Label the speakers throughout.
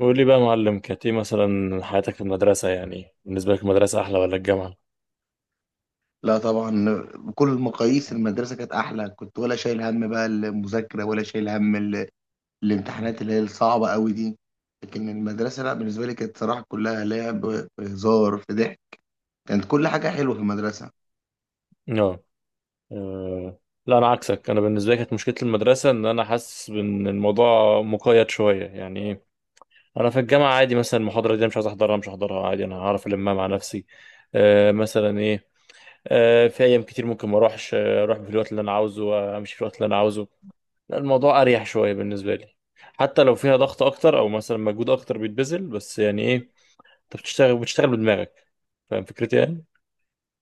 Speaker 1: قول لي بقى يا معلم، كانت ايه مثلا حياتك في المدرسة؟ يعني بالنسبة لك المدرسة أحلى ولا الجامعة؟
Speaker 2: لا طبعا، بكل المقاييس المدرسة كانت أحلى. كنت ولا شايل هم بقى المذاكرة ولا شايل هم الامتحانات اللي هي الصعبة قوي دي. لكن المدرسة، لا، بالنسبة لي كانت صراحة كلها لعب، في هزار، في ضحك. كانت كل حاجة حلوة في المدرسة.
Speaker 1: اه. آه. لا، أنا عكسك. أنا بالنسبة لي كانت مشكلة المدرسة إن أنا حاسس إن الموضوع مقيد شوية يعني إيه. أنا في الجامعة عادي، مثلا المحاضرة دي أنا مش عايز أحضرها، مش هحضرها عادي، أنا هعرف ألمها مع نفسي. آه مثلا إيه. آه في أيام كتير ممكن ما أروحش، أروح في الوقت اللي أنا عاوزه، أمشي في الوقت اللي أنا عاوزه. لا، الموضوع أريح شوية بالنسبة لي، حتى لو فيها ضغط أكتر أو مثلا مجهود أكتر بيتبذل، بس يعني إيه. انت بتشتغل بدماغك. فاهم فكرتي يعني؟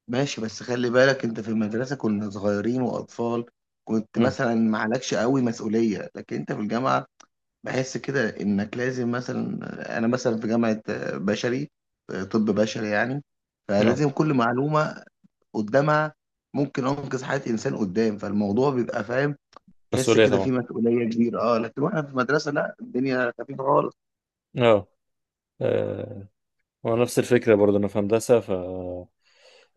Speaker 2: ماشي، بس خلي بالك، أنت في المدرسة كنا صغيرين وأطفال. كنت
Speaker 1: امم.
Speaker 2: مثلا معلكش قوي مسؤولية، لكن أنت في الجامعة بحس كده إنك لازم مثلا. أنا مثلا في جامعة بشري، طب بشري يعني،
Speaker 1: اه.
Speaker 2: فلازم كل معلومة قدامها ممكن انقذ حياه انسان قدام، فالموضوع بيبقى، فاهم، تحس
Speaker 1: مسؤولية
Speaker 2: كده
Speaker 1: طبعا.
Speaker 2: في مسؤوليه كبيره. اه، لكن واحنا في المدرسه لا، الدنيا خفيفه خالص.
Speaker 1: اه. آه، ونفس الفكرة برضه أنا في هندسة.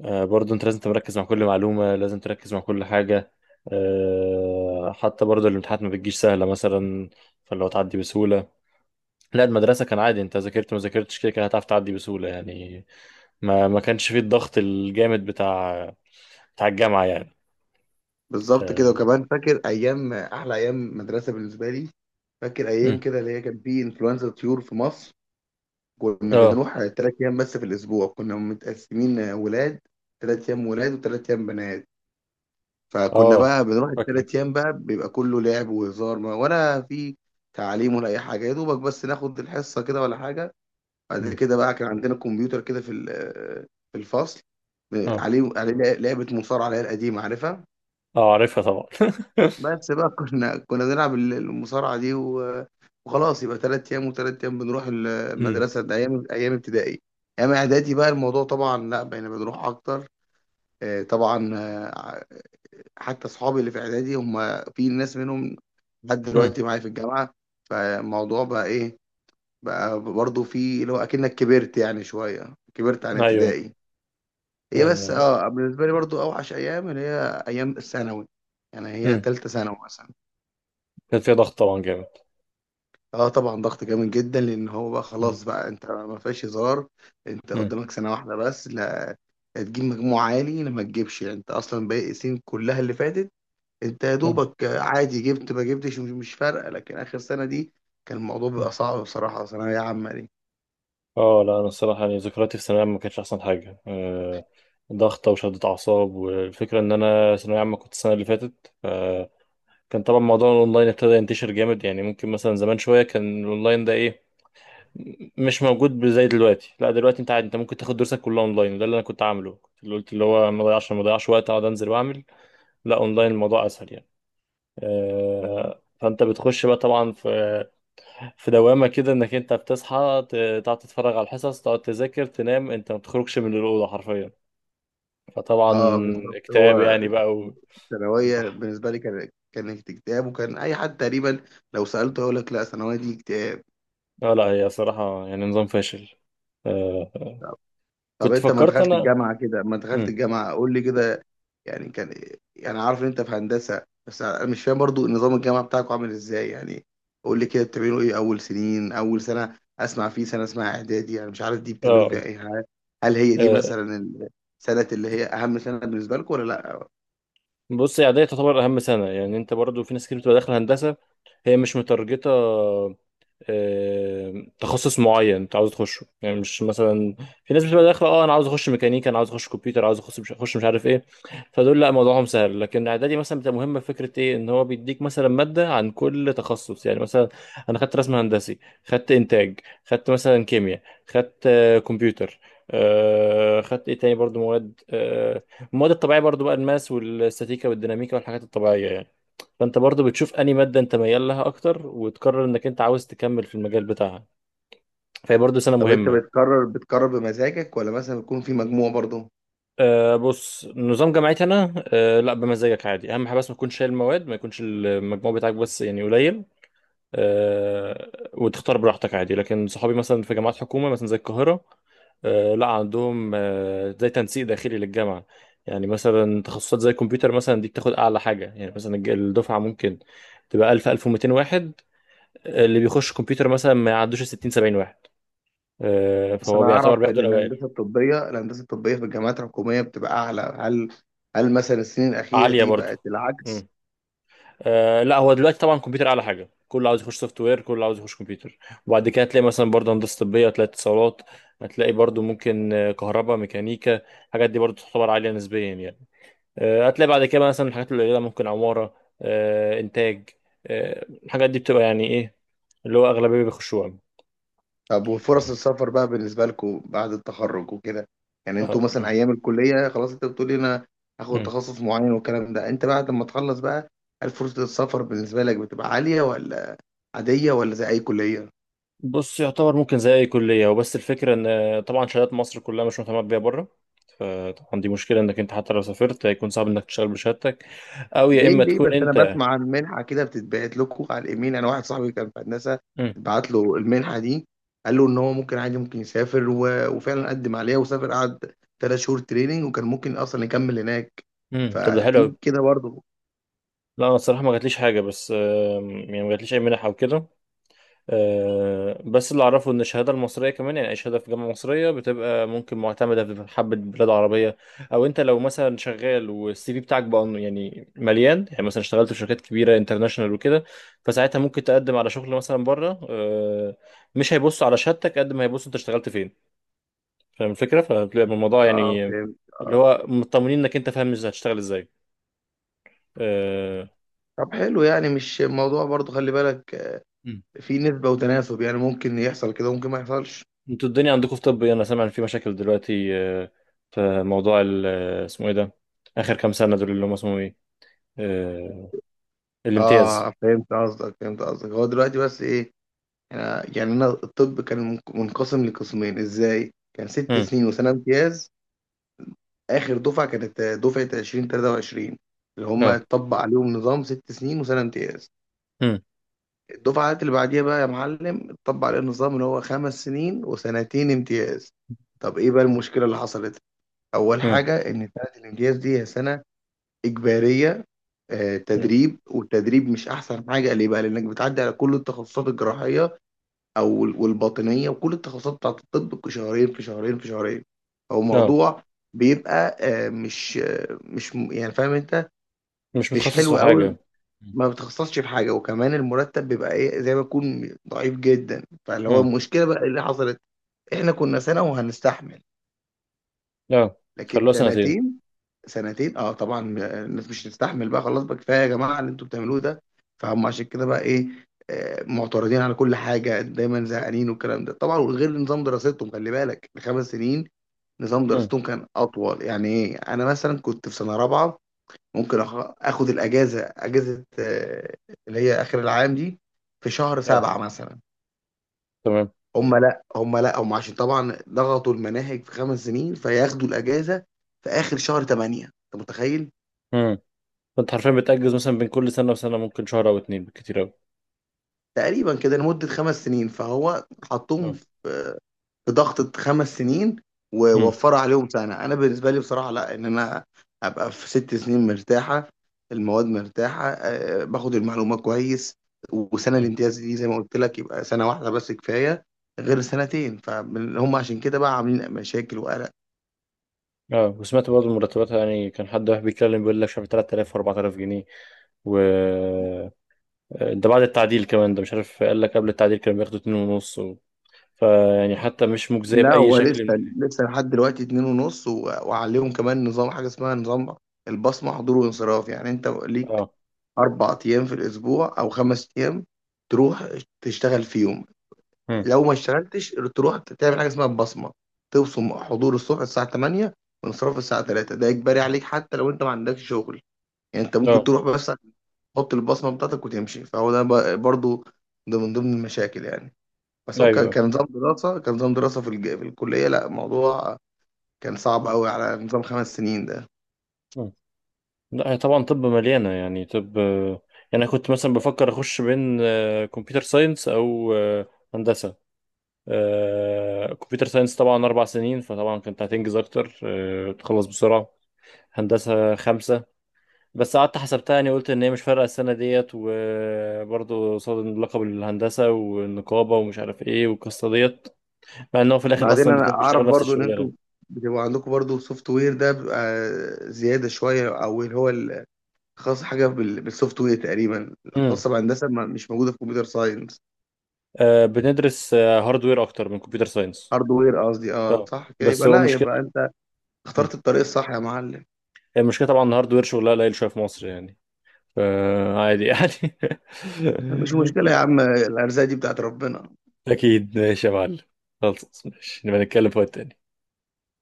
Speaker 1: برضه أنت لازم تركز مع كل معلومة، لازم تركز مع كل حاجة. حتى برضه الامتحانات ما بتجيش سهلة مثلا، فلو تعدي بسهولة. لا المدرسة كان عادي، أنت ذاكرت ما ذاكرتش كده كده هتعرف تعدي بسهولة يعني. ما كانش فيه الضغط الجامد بتاع، بتاع الجامعة يعني.
Speaker 2: بالظبط كده.
Speaker 1: اه.
Speaker 2: وكمان فاكر ايام، احلى ايام مدرسه بالنسبه لي، فاكر ايام
Speaker 1: مم.
Speaker 2: كده اللي هي كان في انفلونزا طيور في مصر. كنا
Speaker 1: اه.
Speaker 2: بنروح 3 ايام بس في الاسبوع، كنا متقسمين، ولاد 3 ايام ولاد و3 ايام بنات فكنا
Speaker 1: آه،
Speaker 2: بقى بنروح
Speaker 1: فاكر.
Speaker 2: الثلاث ايام، بقى بيبقى كله لعب وهزار، ولا في تعليم ولا اي حاجه، يا دوبك بس ناخد الحصه كده ولا حاجه. بعد
Speaker 1: مم.
Speaker 2: كده بقى كان عندنا كمبيوتر كده في الفصل،
Speaker 1: اه.
Speaker 2: عليه لعبة مصارعة اللي هي القديمة، عارفها.
Speaker 1: اه عارفها طبعا.
Speaker 2: بس بقى كنا بنلعب المصارعة دي وخلاص، يبقى تلات أيام وتلات أيام بنروح
Speaker 1: امم.
Speaker 2: المدرسة. ده أيام، أيام ابتدائي. أيام إعدادي بقى الموضوع طبعا لا، بقينا بنروح أكتر. طبعا. حتى أصحابي اللي في إعدادي هم، في ناس منهم لحد
Speaker 1: امم.
Speaker 2: دلوقتي معايا في الجامعة. فالموضوع بقى إيه، بقى برضه في اللي هو أكنك كبرت يعني شوية، كبرت عن
Speaker 1: ايوه.
Speaker 2: ابتدائي. هي بس
Speaker 1: آه،.
Speaker 2: اه، بالنسبه لي برضو اوحش ايام اللي هي ايام الثانوي، يعني هي
Speaker 1: امم.
Speaker 2: تالتة ثانوي مثلا.
Speaker 1: كان فيها ضغط طبعا جامد.
Speaker 2: اه طبعا، ضغط جامد جدا، لان هو بقى
Speaker 1: امم.
Speaker 2: خلاص، بقى انت ما فيهاش هزار، انت
Speaker 1: امم.
Speaker 2: قدامك سنه واحده بس، لا تجيب مجموع عالي لا ما تجيبش، يعني انت اصلا باقي السنين كلها اللي فاتت انت يا دوبك عادي جبت ما جبتش، مش فارقه، لكن اخر سنه دي كان الموضوع
Speaker 1: أمم.
Speaker 2: بيبقى صعب بصراحه، ثانويه عامه دي.
Speaker 1: اه لا انا الصراحه يعني ذكرياتي في ثانويه عامه ما كانتش احسن حاجه، ضغطه وشده اعصاب. والفكره ان انا ثانويه عامه كنت السنه اللي فاتت، كان طبعا موضوع الاونلاين ابتدى ينتشر جامد. يعني ممكن مثلا زمان شويه كان الاونلاين ده ايه، مش موجود زي دلوقتي. لا دلوقتي انت عادي، انت ممكن تاخد دروسك كلها اونلاين، وده اللي انا كنت عامله، كنت اللي قلت اللي هو ما ضيعش وقت اقعد انزل واعمل. لا اونلاين الموضوع اسهل يعني. فانت بتخش بقى طبعا في دوامه كده، انك انت بتصحى، تقعد تتفرج على الحصص، تقعد تذاكر، تنام، انت ما بتخرجش من الاوضه حرفيا. فطبعا
Speaker 2: اه بالظبط.
Speaker 1: اكتئاب
Speaker 2: هو
Speaker 1: يعني بقى.
Speaker 2: الثانويه بالنسبه لي كانت اكتئاب، وكان اي حد تقريبا لو سالته يقول لك لا، ثانويه دي اكتئاب.
Speaker 1: لا لا، هي صراحه يعني نظام فاشل. آه،
Speaker 2: طب
Speaker 1: كنت
Speaker 2: انت ما
Speaker 1: فكرت
Speaker 2: دخلت
Speaker 1: انا.
Speaker 2: الجامعه كده، ما دخلت
Speaker 1: مم.
Speaker 2: الجامعه قول لي كده، يعني كان يعني عارف ان انت في هندسه، بس انا مش فاهم برضو نظام الجامعه بتاعكم عامل ازاي يعني. قول لي كده، بتعملوا ايه اول سنين، اول سنه اسمع، في سنه اسمها اعدادي انا مش عارف دي بتعملوا فيها
Speaker 1: اه.
Speaker 2: ايه، هل هي دي
Speaker 1: آه،
Speaker 2: مثلا السنه اللي هي اهم سنه بالنسبه لكم، ولا لا؟
Speaker 1: بص هي اعدادي تعتبر اهم سنه، يعني انت برضو في ناس كتير بتبقى داخله هندسه، هي مش متارجته آه، تخصص معين انت عاوز تخشه، يعني مش مثلا في ناس بتبقى داخله اه انا عاوز اخش ميكانيكا، انا عاوز اخش كمبيوتر، عاوز اخش مش اخش مش عارف ايه. فدول لا موضوعهم سهل، لكن اعدادي مثلا بتبقى مهمه، فكره ايه ان هو بيديك مثلا ماده عن كل تخصص، يعني مثلا انا خدت رسم هندسي، خدت انتاج، خدت مثلا كيمياء، خدت كمبيوتر، آه خدت ايه تاني برضو مواد آه، المواد الطبيعيه برضو بقى الماس والستاتيكا والديناميكا والحاجات الطبيعيه يعني. فانت برضو بتشوف انهي ماده انت ميال لها اكتر وتقرر انك انت عاوز تكمل في المجال بتاعها، فهي برضو سنه
Speaker 2: طب انت
Speaker 1: مهمه.
Speaker 2: بتقرر بمزاجك، ولا مثلا بيكون في مجموع برضو؟
Speaker 1: أه بص نظام جامعتي انا أه لا بمزاجك عادي، اهم حاجه بس ما تكونش شايل مواد، ما يكونش المجموع بتاعك بس يعني قليل. أه، وتختار براحتك عادي. لكن صحابي مثلا في جامعات حكومه مثلا زي القاهره، أه لا عندهم أه زي تنسيق داخلي للجامعه. يعني مثلا تخصصات زي الكمبيوتر مثلا دي بتاخد اعلى حاجه، يعني مثلا الدفعه ممكن تبقى 1000 1200 واحد، اللي بيخش الكمبيوتر مثلا ما يعدوش 60 70 واحد.
Speaker 2: بس
Speaker 1: فهو
Speaker 2: انا
Speaker 1: بيعتبر
Speaker 2: اعرف ان
Speaker 1: بياخدوا الاوائل.
Speaker 2: الهندسه الطبيه في الجامعات الحكوميه بتبقى اعلى، هل مثلا السنين الاخيره
Speaker 1: عاليه
Speaker 2: دي
Speaker 1: برضو.
Speaker 2: بقت العكس؟
Speaker 1: مم. لا هو دلوقتي طبعا الكمبيوتر اعلى حاجه، كله عاوز يخش سوفت وير، كله عاوز يخش كمبيوتر. وبعد كده هتلاقي مثلا برضه هندسه طبيه، هتلاقي اتصالات، هتلاقي برضه ممكن كهرباء، ميكانيكا. الحاجات دي برضه تعتبر عاليه نسبيا يعني. هتلاقي بعد كده مثلا الحاجات القليله ممكن عماره، انتاج، الحاجات دي بتبقى يعني ايه اللي هو اغلبيه بيخشوها.
Speaker 2: طب وفرص السفر بقى بالنسبة لكم بعد التخرج وكده، يعني انتوا مثلا ايام الكلية خلاص انت بتقولي انا هاخد
Speaker 1: أه.
Speaker 2: تخصص معين والكلام ده، انت بعد ما تخلص بقى، هل فرصة السفر بالنسبة لك بتبقى عالية، ولا عادية، ولا زي اي كلية؟
Speaker 1: بص يعتبر ممكن زي اي كليه، وبس الفكره ان طبعا شهادات مصر كلها مش مهتمه بيها بره. فطبعا دي مشكله انك انت حتى لو سافرت هيكون صعب انك تشتغل بشهادتك، او يا
Speaker 2: ليه
Speaker 1: اما
Speaker 2: ليه
Speaker 1: تكون
Speaker 2: بس، انا
Speaker 1: انت.
Speaker 2: بسمع عن منحة كده بتتبعت لكم على الايميل، انا واحد صاحبي كان في هندسة،
Speaker 1: امم.
Speaker 2: اتبعت له المنحة دي، قال له ان هو ممكن عادي ممكن يسافر، وفعلا قدم عليها وسافر، قعد 3 شهور تريننج، وكان ممكن اصلا يكمل هناك،
Speaker 1: طب ده حلو قوي.
Speaker 2: ففي كده برضه.
Speaker 1: لا انا الصراحه ما جاتليش حاجه، بس يعني ما جاتليش اي منح او كده. بس اللي اعرفه ان الشهاده المصريه كمان، يعني اي شهاده في جامعه مصريه بتبقى ممكن معتمده في حبه بلاد عربيه. او انت لو مثلا شغال والسي في بتاعك بقى يعني مليان، يعني مثلا اشتغلت في شركات كبيره انترناشونال وكده، فساعتها ممكن تقدم على شغل مثلا بره. مش هيبصوا على شهادتك قد ما هيبصوا انت اشتغلت فين، فاهم الفكره، فبتبقى الموضوع
Speaker 2: اه
Speaker 1: يعني
Speaker 2: فهمت.
Speaker 1: اللي هو مطمنين انك انت فاهم ازاي هتشتغل ازاي. آه،
Speaker 2: طب حلو، يعني مش الموضوع برضو، خلي بالك في نسبة وتناسب، يعني ممكن يحصل كده ممكن ما يحصلش.
Speaker 1: انتوا الدنيا عندكم في طب ايه؟ انا سامع ان في مشاكل دلوقتي في موضوع اسمه ايه ده، اخر كام سنه دول اللي هم اسمه ايه، آه، الامتياز.
Speaker 2: اه فهمت قصدك، هو دلوقتي بس ايه. يعني انا الطب كان منقسم لقسمين، ازاي؟ كان ست
Speaker 1: امم.
Speaker 2: سنين وسنة امتياز اخر دفعة كانت دفعة 2023، اللي هم
Speaker 1: لا.
Speaker 2: اتطبق عليهم نظام ست سنين وسنة امتياز.
Speaker 1: امم.
Speaker 2: الدفعات اللي بعديها بقى يا معلم اتطبق عليهم نظام اللي هو 5 سنين وسنتين امتياز. طب ايه بقى المشكلة اللي حصلت؟ اول
Speaker 1: امم.
Speaker 2: حاجة، ان سنة الامتياز دي هي سنة إجبارية، تدريب. والتدريب مش أحسن حاجة، ليه بقى؟ لأنك بتعدي على كل التخصصات الجراحية والباطنية وكل التخصصات بتاعت الطب، في شهرين في شهرين في شهرين، أو
Speaker 1: لا،
Speaker 2: موضوع بيبقى، مش يعني فاهم أنت،
Speaker 1: مش
Speaker 2: مش
Speaker 1: متخصص في
Speaker 2: حلو أوي.
Speaker 1: حاجه.
Speaker 2: ما بتخصصش في حاجة، وكمان المرتب بيبقى إيه، زي ما يكون ضعيف جدا، فاللي هو
Speaker 1: امم.
Speaker 2: المشكلة بقى اللي حصلت، إحنا كنا سنة وهنستحمل
Speaker 1: لا،
Speaker 2: لكن
Speaker 1: خلوها سنتين.
Speaker 2: سنتين. سنتين اه طبعا، الناس مش هتستحمل، بقى خلاص بقى كفايه يا جماعه اللي انتوا بتعملوه ده. فهم عشان كده بقى ايه، معترضين على كل حاجه، دايما زهقانين والكلام ده طبعا. وغير نظام دراستهم، خلي بالك الخمس سنين، نظام
Speaker 1: امم.
Speaker 2: دراستهم كان اطول، يعني ايه، انا مثلا كنت في سنه رابعه، ممكن اخد الاجازه، اجازه، اللي هي اخر العام دي، في شهر
Speaker 1: لا،
Speaker 2: سبعة مثلا.
Speaker 1: تمام.
Speaker 2: هم لا هم لا هم عشان طبعا ضغطوا المناهج في 5 سنين، فياخدوا الاجازه في اخر شهر 8، انت متخيل،
Speaker 1: امم. فانت حرفيا بتأجز مثلا بين كل سنه وسنه ممكن شهر او اتنين بالكتير قوي.
Speaker 2: تقريبا كده لمده 5 سنين، فهو
Speaker 1: اه.
Speaker 2: حطهم في ضغطه 5 سنين،
Speaker 1: امم.
Speaker 2: ووفر عليهم سنه. انا بالنسبه لي بصراحه لا، ان انا ابقى في 6 سنين مرتاحه، المواد مرتاحه، باخد المعلومات كويس، وسنه
Speaker 1: امم.
Speaker 2: الامتياز دي زي ما قلت لك، يبقى سنه واحده بس كفايه غير سنتين. فهم عشان كده بقى عاملين مشاكل وقلق.
Speaker 1: اه وسمعت برضه المرتبات، يعني كان حد واحد بيتكلم بيقول لك شهر 3000 و4000 جنيه و ده بعد التعديل كمان، ده مش عارف قال لك قبل التعديل كانوا بياخدوا 2.5 . فيعني حتى مش مجزية
Speaker 2: لا
Speaker 1: بأي
Speaker 2: هو
Speaker 1: شكل
Speaker 2: لسه
Speaker 1: من-
Speaker 2: لسه لحد دلوقتي اتنين ونص، وعليهم كمان نظام حاجة اسمها نظام البصمة، حضور وانصراف، يعني انت ليك
Speaker 1: اه.
Speaker 2: 4 أيام في الأسبوع أو 5 أيام تروح تشتغل فيهم،
Speaker 1: مم.
Speaker 2: لو ما اشتغلتش تروح تعمل حاجة اسمها البصمة، تبصم حضور الصبح الساعة 8 وانصراف الساعة 3، ده إجباري عليك حتى لو انت ما عندكش شغل. يعني انت ممكن
Speaker 1: اه.
Speaker 2: تروح بس تحط البصمة بتاعتك وتمشي، فهو ده برضو ده من ضمن المشاكل يعني. بس هو كان
Speaker 1: ايوه.
Speaker 2: كان نظام دراسة كان نظام دراسة في الكلية، لا الموضوع كان صعب
Speaker 1: مم.
Speaker 2: قوي على نظام 5 سنين ده.
Speaker 1: مم. لا هي طبعا طب مليانة يعني طب. يعني انا كنت مثلا بفكر اخش بين كمبيوتر ساينس او هندسة. كمبيوتر ساينس طبعا 4 سنين، فطبعا كنت هتنجز اكتر، تخلص بسرعة. هندسة 5. بس قعدت حسبتها، يعني قلت ان هي مش فارقه السنه ديت، وبرضه قصاد لقب الهندسه والنقابه ومش عارف ايه والقصه ديت، مع ان هو في الاخر
Speaker 2: بعدين
Speaker 1: اصلا
Speaker 2: انا
Speaker 1: الاثنين
Speaker 2: اعرف
Speaker 1: بيشتغلوا نفس
Speaker 2: برضو ان انتوا
Speaker 1: الشغلانه.
Speaker 2: بتبقى عندكم برضو سوفت وير، ده بيبقى زيادة شوية، او اللي هو خاص حاجة بالسوفت وير تقريبا،
Speaker 1: امم.
Speaker 2: خاصة بهندسة مش موجودة في كمبيوتر ساينس.
Speaker 1: آه بندرس آه هاردوير اكتر من كمبيوتر ساينس.
Speaker 2: هاردوير قصدي، اه
Speaker 1: اه
Speaker 2: صح كده،
Speaker 1: بس
Speaker 2: يبقى
Speaker 1: هو
Speaker 2: لا
Speaker 1: المشكله.
Speaker 2: يبقى انت
Speaker 1: مم.
Speaker 2: اخترت الطريق الصح يا معلم.
Speaker 1: المشكله طبعا ان الهاردوير شغلها قليل شويه في مصر يعني، فعادي يعني.
Speaker 2: مش مشكلة يا عم، الأرزاق دي بتاعت ربنا.
Speaker 1: اكيد ماشي يا معلم، خلاص ماشي نبقى نتكلم في وقت تاني.